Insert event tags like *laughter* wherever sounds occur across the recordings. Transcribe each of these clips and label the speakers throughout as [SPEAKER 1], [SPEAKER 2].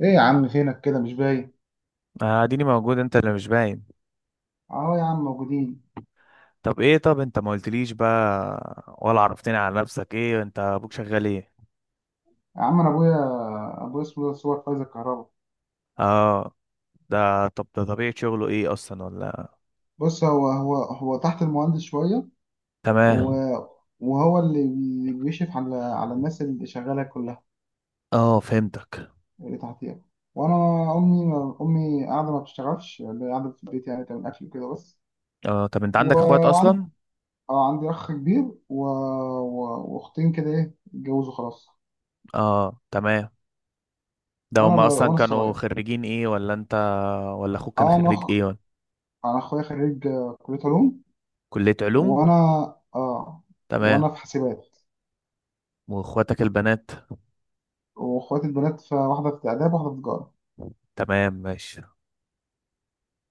[SPEAKER 1] ايه يا عم، فينك كده مش باين؟
[SPEAKER 2] اديني موجود، انت اللي مش باين.
[SPEAKER 1] اهو يا عم، موجودين.
[SPEAKER 2] طب انت ما قلتليش بقى ولا عرفتني على نفسك؟ ايه انت، ابوك شغال ايه؟
[SPEAKER 1] يا عم انا ابويا اسمه ده صور فايز الكهرباء.
[SPEAKER 2] اه. ده طبيعة شغله ايه اصلا ولا...
[SPEAKER 1] بص، هو تحت المهندس شويه.
[SPEAKER 2] تمام.
[SPEAKER 1] و- وهو اللي بيشرف على الناس اللي شغاله كلها،
[SPEAKER 2] اه، فهمتك.
[SPEAKER 1] اللي تحتيها. وانا امي امي قاعده ما بتشتغلش، اللي قاعده في البيت يعني تعمل اكل كده بس.
[SPEAKER 2] اه، طب انت عندك اخوات
[SPEAKER 1] وعندي
[SPEAKER 2] اصلا؟
[SPEAKER 1] اه، عندي اخ كبير و... واختين كده اتجوزوا خلاص.
[SPEAKER 2] اه، تمام. ده هما اصلا
[SPEAKER 1] وانا
[SPEAKER 2] كانوا
[SPEAKER 1] الصغير.
[SPEAKER 2] خريجين ايه ولا انت؟ ولا اخوك كان
[SPEAKER 1] اه،
[SPEAKER 2] خريج ايه ولا...
[SPEAKER 1] انا اخويا خريج كليه علوم.
[SPEAKER 2] كلية علوم.
[SPEAKER 1] وانا اه
[SPEAKER 2] تمام.
[SPEAKER 1] وانا في حاسبات.
[SPEAKER 2] واخواتك البنات؟
[SPEAKER 1] واخواتي البنات، في واحده في اداب، واحده في تجاره.
[SPEAKER 2] تمام، ماشي.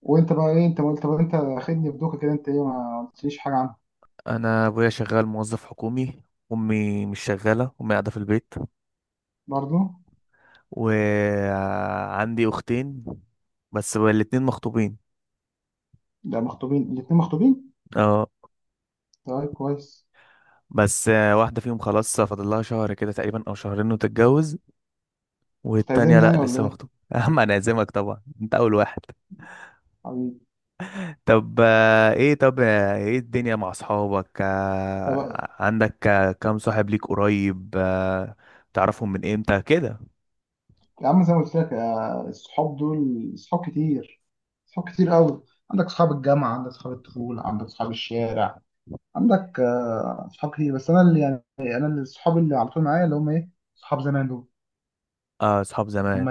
[SPEAKER 1] وانت بقى ايه، انت ما قلت، طب انت خدني بدوكه كده، انت ايه ما قلتليش حاجه عنها؟
[SPEAKER 2] انا ابويا شغال موظف حكومي. امي مش شغالة، امي قاعدة في البيت.
[SPEAKER 1] برضو.
[SPEAKER 2] وعندي أختين، بس الاتنين مخطوبين.
[SPEAKER 1] ده مخطوبين، الاتنين مخطوبين.
[SPEAKER 2] اه.
[SPEAKER 1] طيب كويس.
[SPEAKER 2] بس واحدة فيهم خلاص فاضل لها شهر كده تقريبا أو شهرين وتتجوز. والتانية
[SPEAKER 1] تعزمني
[SPEAKER 2] لأ،
[SPEAKER 1] يعني ولا
[SPEAKER 2] لسه
[SPEAKER 1] ايه،
[SPEAKER 2] مخطوبة. *laughs* يا عم، أنا أعزمك طبعا، أنت أول واحد.
[SPEAKER 1] حبيبي؟
[SPEAKER 2] طب إيه الدنيا مع أصحابك؟
[SPEAKER 1] طب
[SPEAKER 2] عندك كام صاحب ليك قريب؟ تعرفهم من إمتى كده؟
[SPEAKER 1] يا عم، زي ما قلت لك الصحاب دول صحاب كتير، صحاب كتير قوي. عندك صحاب الجامعه، عندك صحاب الطفوله، عندك صحاب الشارع. عندك صحاب كتير، بس انا اللي يعني، انا اللي الصحاب اللي على طول معايا، اللي هم صحاب زمان دول،
[SPEAKER 2] اه، أصحاب
[SPEAKER 1] هم.
[SPEAKER 2] زمان.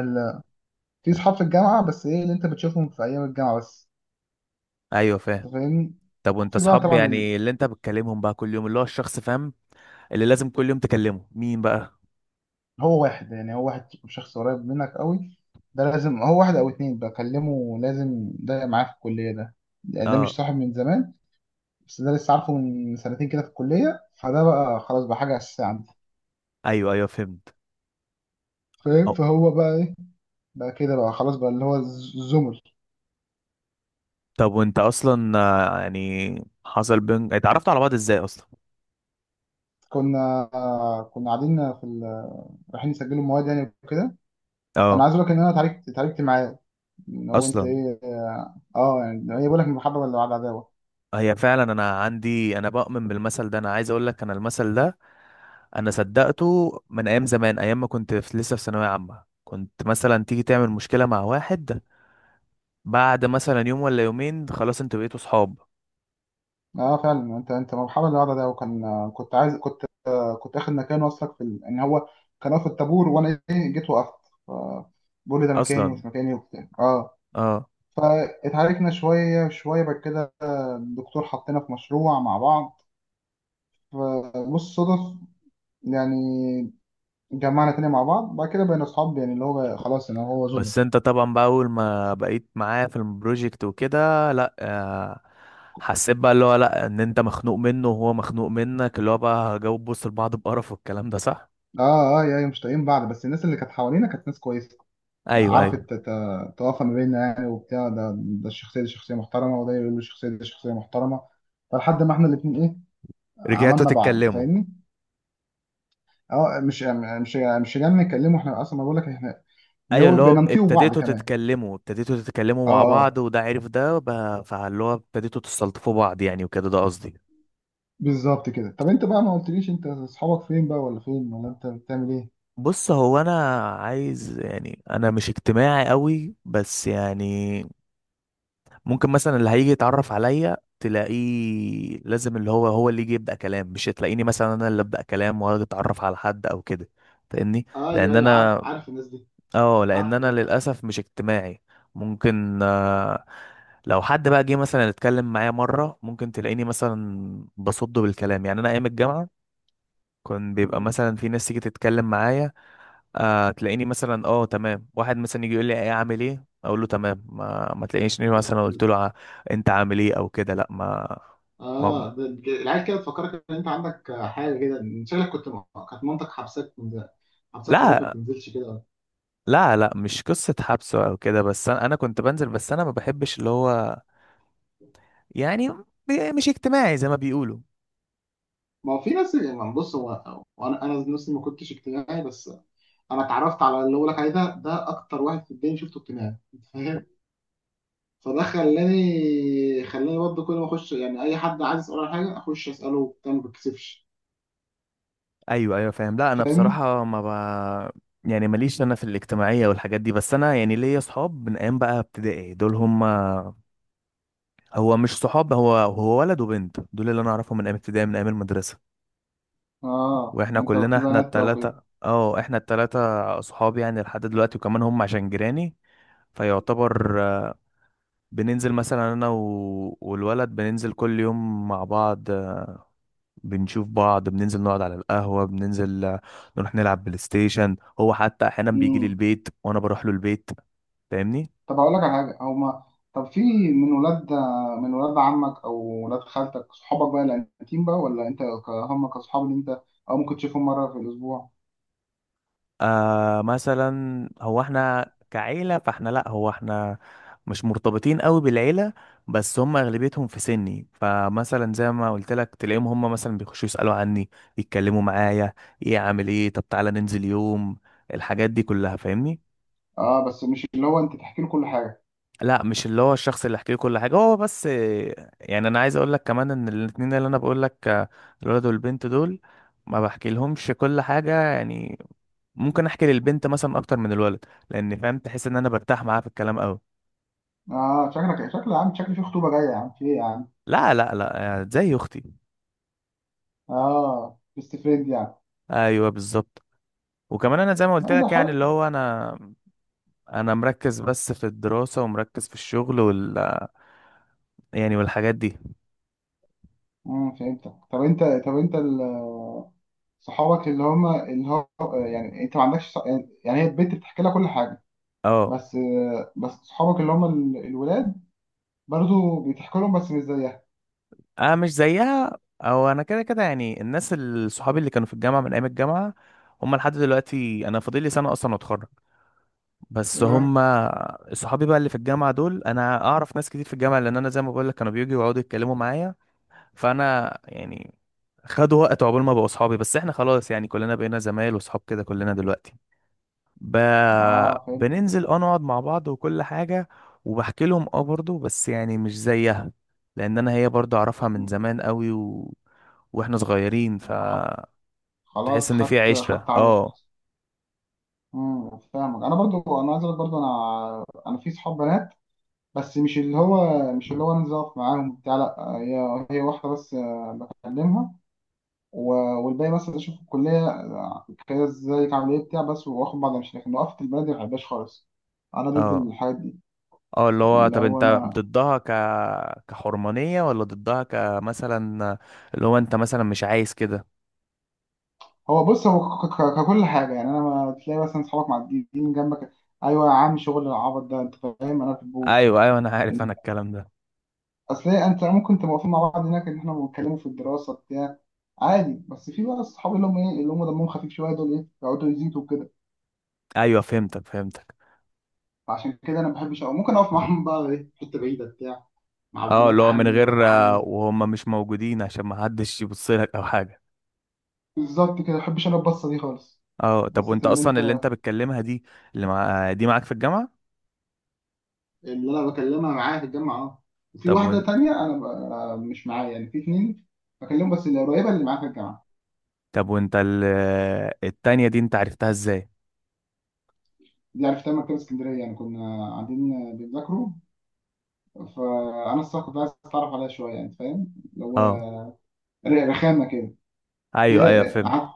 [SPEAKER 1] في صحاب في الجامعة، بس ايه اللي انت بتشوفهم في ايام الجامعة بس.
[SPEAKER 2] أيوة، فاهم.
[SPEAKER 1] انت فاهمني؟
[SPEAKER 2] طب وأنت
[SPEAKER 1] في بقى
[SPEAKER 2] أصحاب
[SPEAKER 1] طبعا
[SPEAKER 2] يعني اللي أنت بتكلمهم بقى كل يوم، اللي هو الشخص، فاهم؟ اللي لازم كل يوم تكلمه مين بقى؟
[SPEAKER 1] هو واحد، يعني هو واحد شخص قريب منك قوي. ده لازم هو واحد او اتنين بكلمه، لازم، ده معاه في الكلية ده، يعني ده مش
[SPEAKER 2] اه.
[SPEAKER 1] صاحب من زمان. بس ده لسه عارفه من سنتين كده في الكلية، فده بقى خلاص بقى حاجة أساسية عندي.
[SPEAKER 2] ايوه، ايوه، فهمت.
[SPEAKER 1] فاهم؟
[SPEAKER 2] أو.
[SPEAKER 1] فهو بقى ايه، بقى كده بقى خلاص بقى، اللي هو الزمر.
[SPEAKER 2] طب وانت اصلا يعني حصل، بين اتعرفتوا على بعض ازاي اصلا؟
[SPEAKER 1] كنا كنا قاعدين في رايحين نسجلوا المواد يعني وكده. انا
[SPEAKER 2] اه،
[SPEAKER 1] عايز اقول لك ان انا اتعاركت معاه. هو انت
[SPEAKER 2] اصلا.
[SPEAKER 1] ايه، يعني ايه، بقول لك المحبه اللي بعد عداوه.
[SPEAKER 2] هي فعلا، انا عندي، انا بؤمن بالمثل ده. انا عايز اقول لك انا المثل ده انا صدقته من ايام زمان، ايام ما كنت لسه في ثانويه عامه. كنت مثلا تيجي تعمل مشكله مع واحد، بعد مثلا يوم ولا يومين خلاص انتوا بقيتوا صحاب.
[SPEAKER 1] اه فعلا، انت المحبه اللي بعد عداوه، كان كنت عايز كنت كنت اخد مكانه اصلا في ان هو كان واقف في الطابور، وانا جيت وقفت. ف- بقول لي ده مكاني
[SPEAKER 2] اصلا.
[SPEAKER 1] ومش مكاني وبتاع
[SPEAKER 2] اه.
[SPEAKER 1] فاتعاركنا شويه شويه. بعد كده الدكتور حطينا في مشروع مع بعض، فبص صدف يعني، جمعنا تاني مع بعض. بعد كده بقينا اصحاب يعني، اللي هو خلاص ان هو زمر.
[SPEAKER 2] بس انت طبعا بقى اول ما بقيت معايا في البروجكت وكده، لا، حسيت بقى اللي هو، لا، ان انت مخنوق منه وهو مخنوق منك، اللي هو بقى، جاوب بص لبعض بقرف، والكلام ده صح.
[SPEAKER 1] اه، اه، يعني مش طايقين بعض، بس الناس اللي كانت حوالينا كانت ناس كويسه،
[SPEAKER 2] ايوه،
[SPEAKER 1] عارفة
[SPEAKER 2] ايوه،
[SPEAKER 1] تتوافق ما بيننا يعني، وبتاع، ده الشخصية دي شخصية محترمة، وده يقول له الشخصية دي شخصية محترمة. فلحد ما احنا الاتنين
[SPEAKER 2] رجعتوا
[SPEAKER 1] عملنا بعض، انت
[SPEAKER 2] تتكلموا.
[SPEAKER 1] فاهمني؟ اه، مش جاي نتكلمه، احنا اصلا بقول لك، احنا اللي
[SPEAKER 2] ايوه،
[SPEAKER 1] هو
[SPEAKER 2] اللي هو
[SPEAKER 1] بننطيه بعض كمان.
[SPEAKER 2] ابتديتوا تتكلموا
[SPEAKER 1] اه،
[SPEAKER 2] مع بعض،
[SPEAKER 1] اه،
[SPEAKER 2] وده عرف ده بقى- فاللي هو ابتديتوا تستلطفوا بعض يعني وكده، ده قصدي.
[SPEAKER 1] بالظبط كده. طب انت بقى ما قلتليش، انت اصحابك فين بقى، ولا فين، ولا انت بتعمل ايه؟
[SPEAKER 2] بص، هو انا عايز يعني، انا مش اجتماعي قوي بس يعني ممكن مثلا اللي هيجي يتعرف عليا تلاقيه لازم اللي هو اللي يجي يبدأ كلام، مش تلاقيني مثلا انا اللي ابدأ كلام واجي اتعرف على حد او كده، فاهمني؟
[SPEAKER 1] ايوه،
[SPEAKER 2] لان
[SPEAKER 1] ايوه، عارف،
[SPEAKER 2] انا...
[SPEAKER 1] عارف الناس دي،
[SPEAKER 2] اه، لان
[SPEAKER 1] عارفك،
[SPEAKER 2] انا
[SPEAKER 1] انت عارف.
[SPEAKER 2] للاسف مش اجتماعي. ممكن، لو حد بقى جه مثلا اتكلم معايا مره، ممكن تلاقيني مثلا بصده بالكلام. يعني انا ايام الجامعه كان بيبقى مثلا في ناس تيجي تتكلم معايا، آه، تلاقيني مثلا اه تمام. واحد مثلا يجي يقول لي ايه عامل ايه، اقول له تمام، ما تلاقينيش اني مثلا قلت
[SPEAKER 1] مم.
[SPEAKER 2] له ع- انت عامل ايه او كده، لا. ما ما
[SPEAKER 1] اه، العيال كده تفكرك ان انت عندك حاجه كده، إن شكلك كنت، كانت مامتك حبسك في البيت، ما
[SPEAKER 2] لا،
[SPEAKER 1] بتنزلش كده.
[SPEAKER 2] لا، لا، مش قصة حبسه او كده، بس انا كنت بنزل، بس انا ما بحبش اللي هو يعني مش اجتماعي زي ما بيقولوا.
[SPEAKER 1] ما هو في ناس يعني، بص هو وانا، انا نفسي ما كنتش اجتماعي، بس انا اتعرفت على اللي بقولك عليه ده، ده اكتر واحد في الدنيا شفته اجتماعي، انت فاهم؟ فده خلاني برضه كل ما اخش، يعني اي حد عايز اساله على حاجه اخش اساله وبتاع، ما بتكسفش.
[SPEAKER 2] ايوه، ايوه، فاهم. لا انا
[SPEAKER 1] فاهمني؟
[SPEAKER 2] بصراحة ما ب... يعني ماليش انا في الاجتماعية والحاجات دي، بس انا يعني ليا صحاب من ايام بقى ابتدائي، دول هم. هو مش صحاب، هو ولد وبنت دول، اللي انا اعرفهم من ايام ابتدائي، من ايام المدرسة.
[SPEAKER 1] اه،
[SPEAKER 2] واحنا
[SPEAKER 1] انت
[SPEAKER 2] كلنا،
[SPEAKER 1] في
[SPEAKER 2] احنا
[SPEAKER 1] بنات بقى
[SPEAKER 2] التلاتة.
[SPEAKER 1] وكده؟
[SPEAKER 2] اه، احنا التلاتة اصحاب يعني لحد دلوقتي، وكمان هم عشان جيراني، فيعتبر، بننزل مثلا، انا والولد، بننزل كل يوم مع بعض، بنشوف بعض، بننزل نقعد على القهوة، بننزل، نروح نلعب بلاي ستيشن. هو حتى احيانا بيجي لي
[SPEAKER 1] امم
[SPEAKER 2] البيت وانا بروح له البيت، فاهمني؟
[SPEAKER 1] طب هقول لك على حاجه، او ما، طب في، من ولاد من ولاد عمك، او ولاد خالتك، صحابك بقى الانتيم بقى، ولا انت هم كصحاب اللي انت، اه، ممكن تشوفهم مره في الاسبوع.
[SPEAKER 2] آه، مثلا، هو احنا كعيلة، فاحنا لا هو احنا مش مرتبطين قوي بالعيلة. بس هم اغلبيتهم في سني، فمثلا زي ما قلت لك تلاقيهم هم مثلا بيخشوا يسألوا عني، يتكلموا معايا، ايه عامل ايه، طب تعالى ننزل يوم، الحاجات دي كلها، فاهمني؟
[SPEAKER 1] اه، بس مش اللي هو انت تحكي له كل حاجه.
[SPEAKER 2] لا، مش اللي هو الشخص اللي احكي له كل حاجه هو بس. يعني انا عايز اقول لك كمان ان الاتنين اللي انا بقول لك، الولد والبنت دول، ما بحكي لهمش كل حاجه يعني. ممكن احكي للبنت مثلا اكتر من الولد، لان، فاهم، تحس ان انا برتاح معاها في الكلام قوي.
[SPEAKER 1] اه، شكلك شكل يا عم، شكل في خطوبه جايه يا عم، في ايه يا عم؟
[SPEAKER 2] لا، لا، لا، يعني زي اختي.
[SPEAKER 1] اه، بيست فريند يعني.
[SPEAKER 2] ايوه، بالظبط. وكمان انا زي ما قلت
[SPEAKER 1] لا، ده
[SPEAKER 2] لك يعني اللي
[SPEAKER 1] حلو.
[SPEAKER 2] هو انا مركز بس في الدراسه، ومركز في الشغل وال... يعني والحاجات دي.
[SPEAKER 1] فهمتك. طب انت، طب انت صحابك اللي هم، اللي هو، يعني انت ما عندكش يعني هي البنت بتحكي لها كل حاجه،
[SPEAKER 2] اه،
[SPEAKER 1] بس، بس صحابك اللي هم الولاد برضه بيضحكوا لهم، بس مش زيها.
[SPEAKER 2] اه، مش زيها. او انا كده كده يعني الناس صحابي اللي كانوا في الجامعه من ايام الجامعه، هم لحد دلوقتي، انا فاضل لي سنه اصلا واتخرج، بس
[SPEAKER 1] اه،
[SPEAKER 2] هم صحابي بقى اللي في الجامعه دول. انا اعرف ناس كتير في الجامعه لان انا زي ما بقول لك كانوا بييجوا يقعدوا يتكلموا معايا، فانا يعني خدوا وقت عقبال ما بقوا صحابي، بس احنا خلاص يعني كلنا بقينا زمايل وصحاب كده كلنا دلوقتي. ب...
[SPEAKER 1] اه، فهمت.
[SPEAKER 2] بننزل، اه، نقعد مع بعض وكل حاجة، وبحكي لهم اه برضه، بس يعني مش زيها، لأن أنا هي برضه أعرفها من زمان قوي و... وإحنا صغيرين،
[SPEAKER 1] خ-
[SPEAKER 2] فتحس
[SPEAKER 1] خلاص،
[SPEAKER 2] إن في
[SPEAKER 1] خدت
[SPEAKER 2] عشرة.
[SPEAKER 1] خدت عليها.
[SPEAKER 2] اه،
[SPEAKER 1] فاهمك. انا برضو، انا عايز اقول برضو، انا في صحاب بنات، بس مش اللي هو انزل اقف معاهم بتاع، لا هي، هي واحده بس بكلمها. و- والباقي مثلا اشوف الكليه كده ازيك عامل ايه بتاع، بس واخد بعض، مش لكن، وقفت البلد ما بحبهاش خالص، انا ضد
[SPEAKER 2] اه.
[SPEAKER 1] الحاجات دي.
[SPEAKER 2] اه، اللي هو،
[SPEAKER 1] اللي
[SPEAKER 2] طب
[SPEAKER 1] هو
[SPEAKER 2] انت
[SPEAKER 1] انا،
[SPEAKER 2] ضدها ك- كحرمانية، ولا ضدها كمثلا اللي هو انت مثلا مش عايز كده؟
[SPEAKER 1] هو بص هو ككل حاجه يعني، انا ما تلاقي مثلا اصحابك معديين جنبك، ايوه يا عم، شغل العبط ده انت فاهم، انا ما بحبوش.
[SPEAKER 2] ايوه، ايوه، انا عارف انا الكلام ده.
[SPEAKER 1] اصل إيه، انت ممكن تبقى واقفين مع بعض هناك ان احنا بنتكلموا في الدراسه بتاع، عادي. بس في بقى الصحاب اللي هم اللي هم دمهم خفيف شويه دول، يقعدوا يزيدوا كده.
[SPEAKER 2] ايوه، فهمتك، فهمتك.
[SPEAKER 1] فعشان كده انا ما بحبش، أو ممكن اقف معاهم بقى في حته بعيده بتاع، مع
[SPEAKER 2] اه،
[SPEAKER 1] بنات
[SPEAKER 2] اللي هو من
[SPEAKER 1] عمي، ولاد
[SPEAKER 2] غير،
[SPEAKER 1] عمي.
[SPEAKER 2] وهم مش موجودين، عشان ما حدش يبص لك او حاجه.
[SPEAKER 1] بالظبط كده، ما بحبش انا البصه دي خالص.
[SPEAKER 2] اه، طب
[SPEAKER 1] بصة
[SPEAKER 2] وانت
[SPEAKER 1] إن
[SPEAKER 2] اصلا اللي
[SPEAKER 1] أنت،
[SPEAKER 2] انت بتكلمها دي، اللي مع دي معاك في الجامعه؟
[SPEAKER 1] اللي انا بكلمها معاها في الجامعه، اه. وفي
[SPEAKER 2] طب
[SPEAKER 1] واحده
[SPEAKER 2] وانت
[SPEAKER 1] تانية، انا ب... آه، مش معايا يعني، في اتنين بكلمهم، بس اللي قريبه اللي معايا في الجامعه.
[SPEAKER 2] طب وانت التانية دي انت عرفتها ازاي؟
[SPEAKER 1] دي عرفتها من مكتبه اسكندريه، يعني كنا قاعدين بنذاكروا. فانا الصراحه كنت عايز اتعرف عليها شويه، يعني فاهم اللي هو
[SPEAKER 2] اه،
[SPEAKER 1] رخامه كده.
[SPEAKER 2] ايوه،
[SPEAKER 1] هي
[SPEAKER 2] ايوه، فهمت.
[SPEAKER 1] قعدت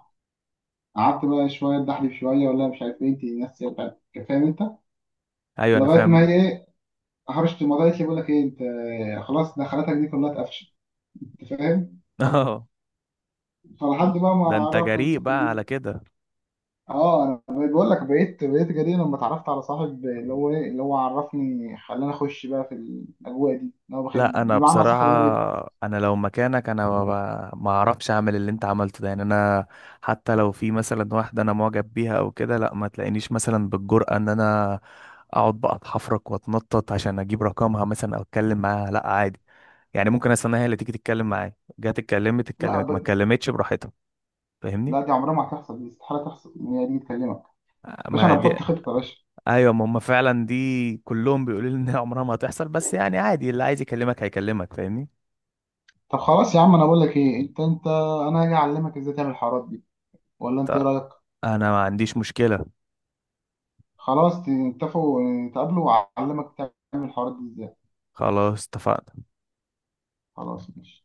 [SPEAKER 1] قعدت بقى شويه، اتدحلب شويه، ولا مش عارف ايه، انت ناس فاهم انت،
[SPEAKER 2] ايوه، انا
[SPEAKER 1] لغايه ما
[SPEAKER 2] فاهم.
[SPEAKER 1] هي هرشت الموضوع، قالت لي بقول لك ايه، انت خلاص دخلاتك دي كلها اتقفشت، انت فاهم؟
[SPEAKER 2] *laughs* اه،
[SPEAKER 1] فلحد بقى ما
[SPEAKER 2] ده انت
[SPEAKER 1] عرفنا انت
[SPEAKER 2] جريء
[SPEAKER 1] في
[SPEAKER 2] بقى
[SPEAKER 1] كليه.
[SPEAKER 2] على كده.
[SPEAKER 1] اه، انا بقول لك، بقيت جدير لما اتعرفت على صاحب، اللي هو اللي هو عرفني، خلاني اخش بقى في الاجواء دي، اللي هو
[SPEAKER 2] لا انا
[SPEAKER 1] بمعنى اصح، اللي انا بقيت.
[SPEAKER 2] بصراحه، انا لو مكانك انا ما اعرفش اعمل اللي انت عملته ده، يعني انا حتى لو في مثلا واحده انا معجب بيها او كده، لا، ما تلاقينيش مثلا بالجرأة ان انا اقعد بقى اتحفرك واتنطط عشان اجيب رقمها مثلا او اتكلم معاها. لا عادي يعني، ممكن استناها هي اللي تيجي تتكلم معايا. جت اتكلمت،
[SPEAKER 1] لا،
[SPEAKER 2] اتكلمت، ما اتكلمتش براحتها. فاهمني؟
[SPEAKER 1] لا، دي عمرها ما هتحصل، دي استحاله تحصل ان هي دي تكلمك. باشا، انا
[SPEAKER 2] ما دي...
[SPEAKER 1] بحط خطه يا باشا.
[SPEAKER 2] ايوه، ما هم فعلا دي كلهم بيقولوا لي ان هي عمرها ما هتحصل، بس يعني عادي، اللي عايز يكلمك هيكلمك، فاهمني؟
[SPEAKER 1] طب خلاص يا عم، انا بقول لك ايه، انت انا هاجي اعلمك ازاي تعمل الحوارات دي، ولا انت
[SPEAKER 2] طب،
[SPEAKER 1] ايه رايك؟
[SPEAKER 2] انا ما عنديش مشكله.
[SPEAKER 1] خلاص، اتفقوا. اه، تقابلوا واعلمك تعمل الحوارات دي ازاي.
[SPEAKER 2] خلاص، اتفقنا.
[SPEAKER 1] خلاص ماشي.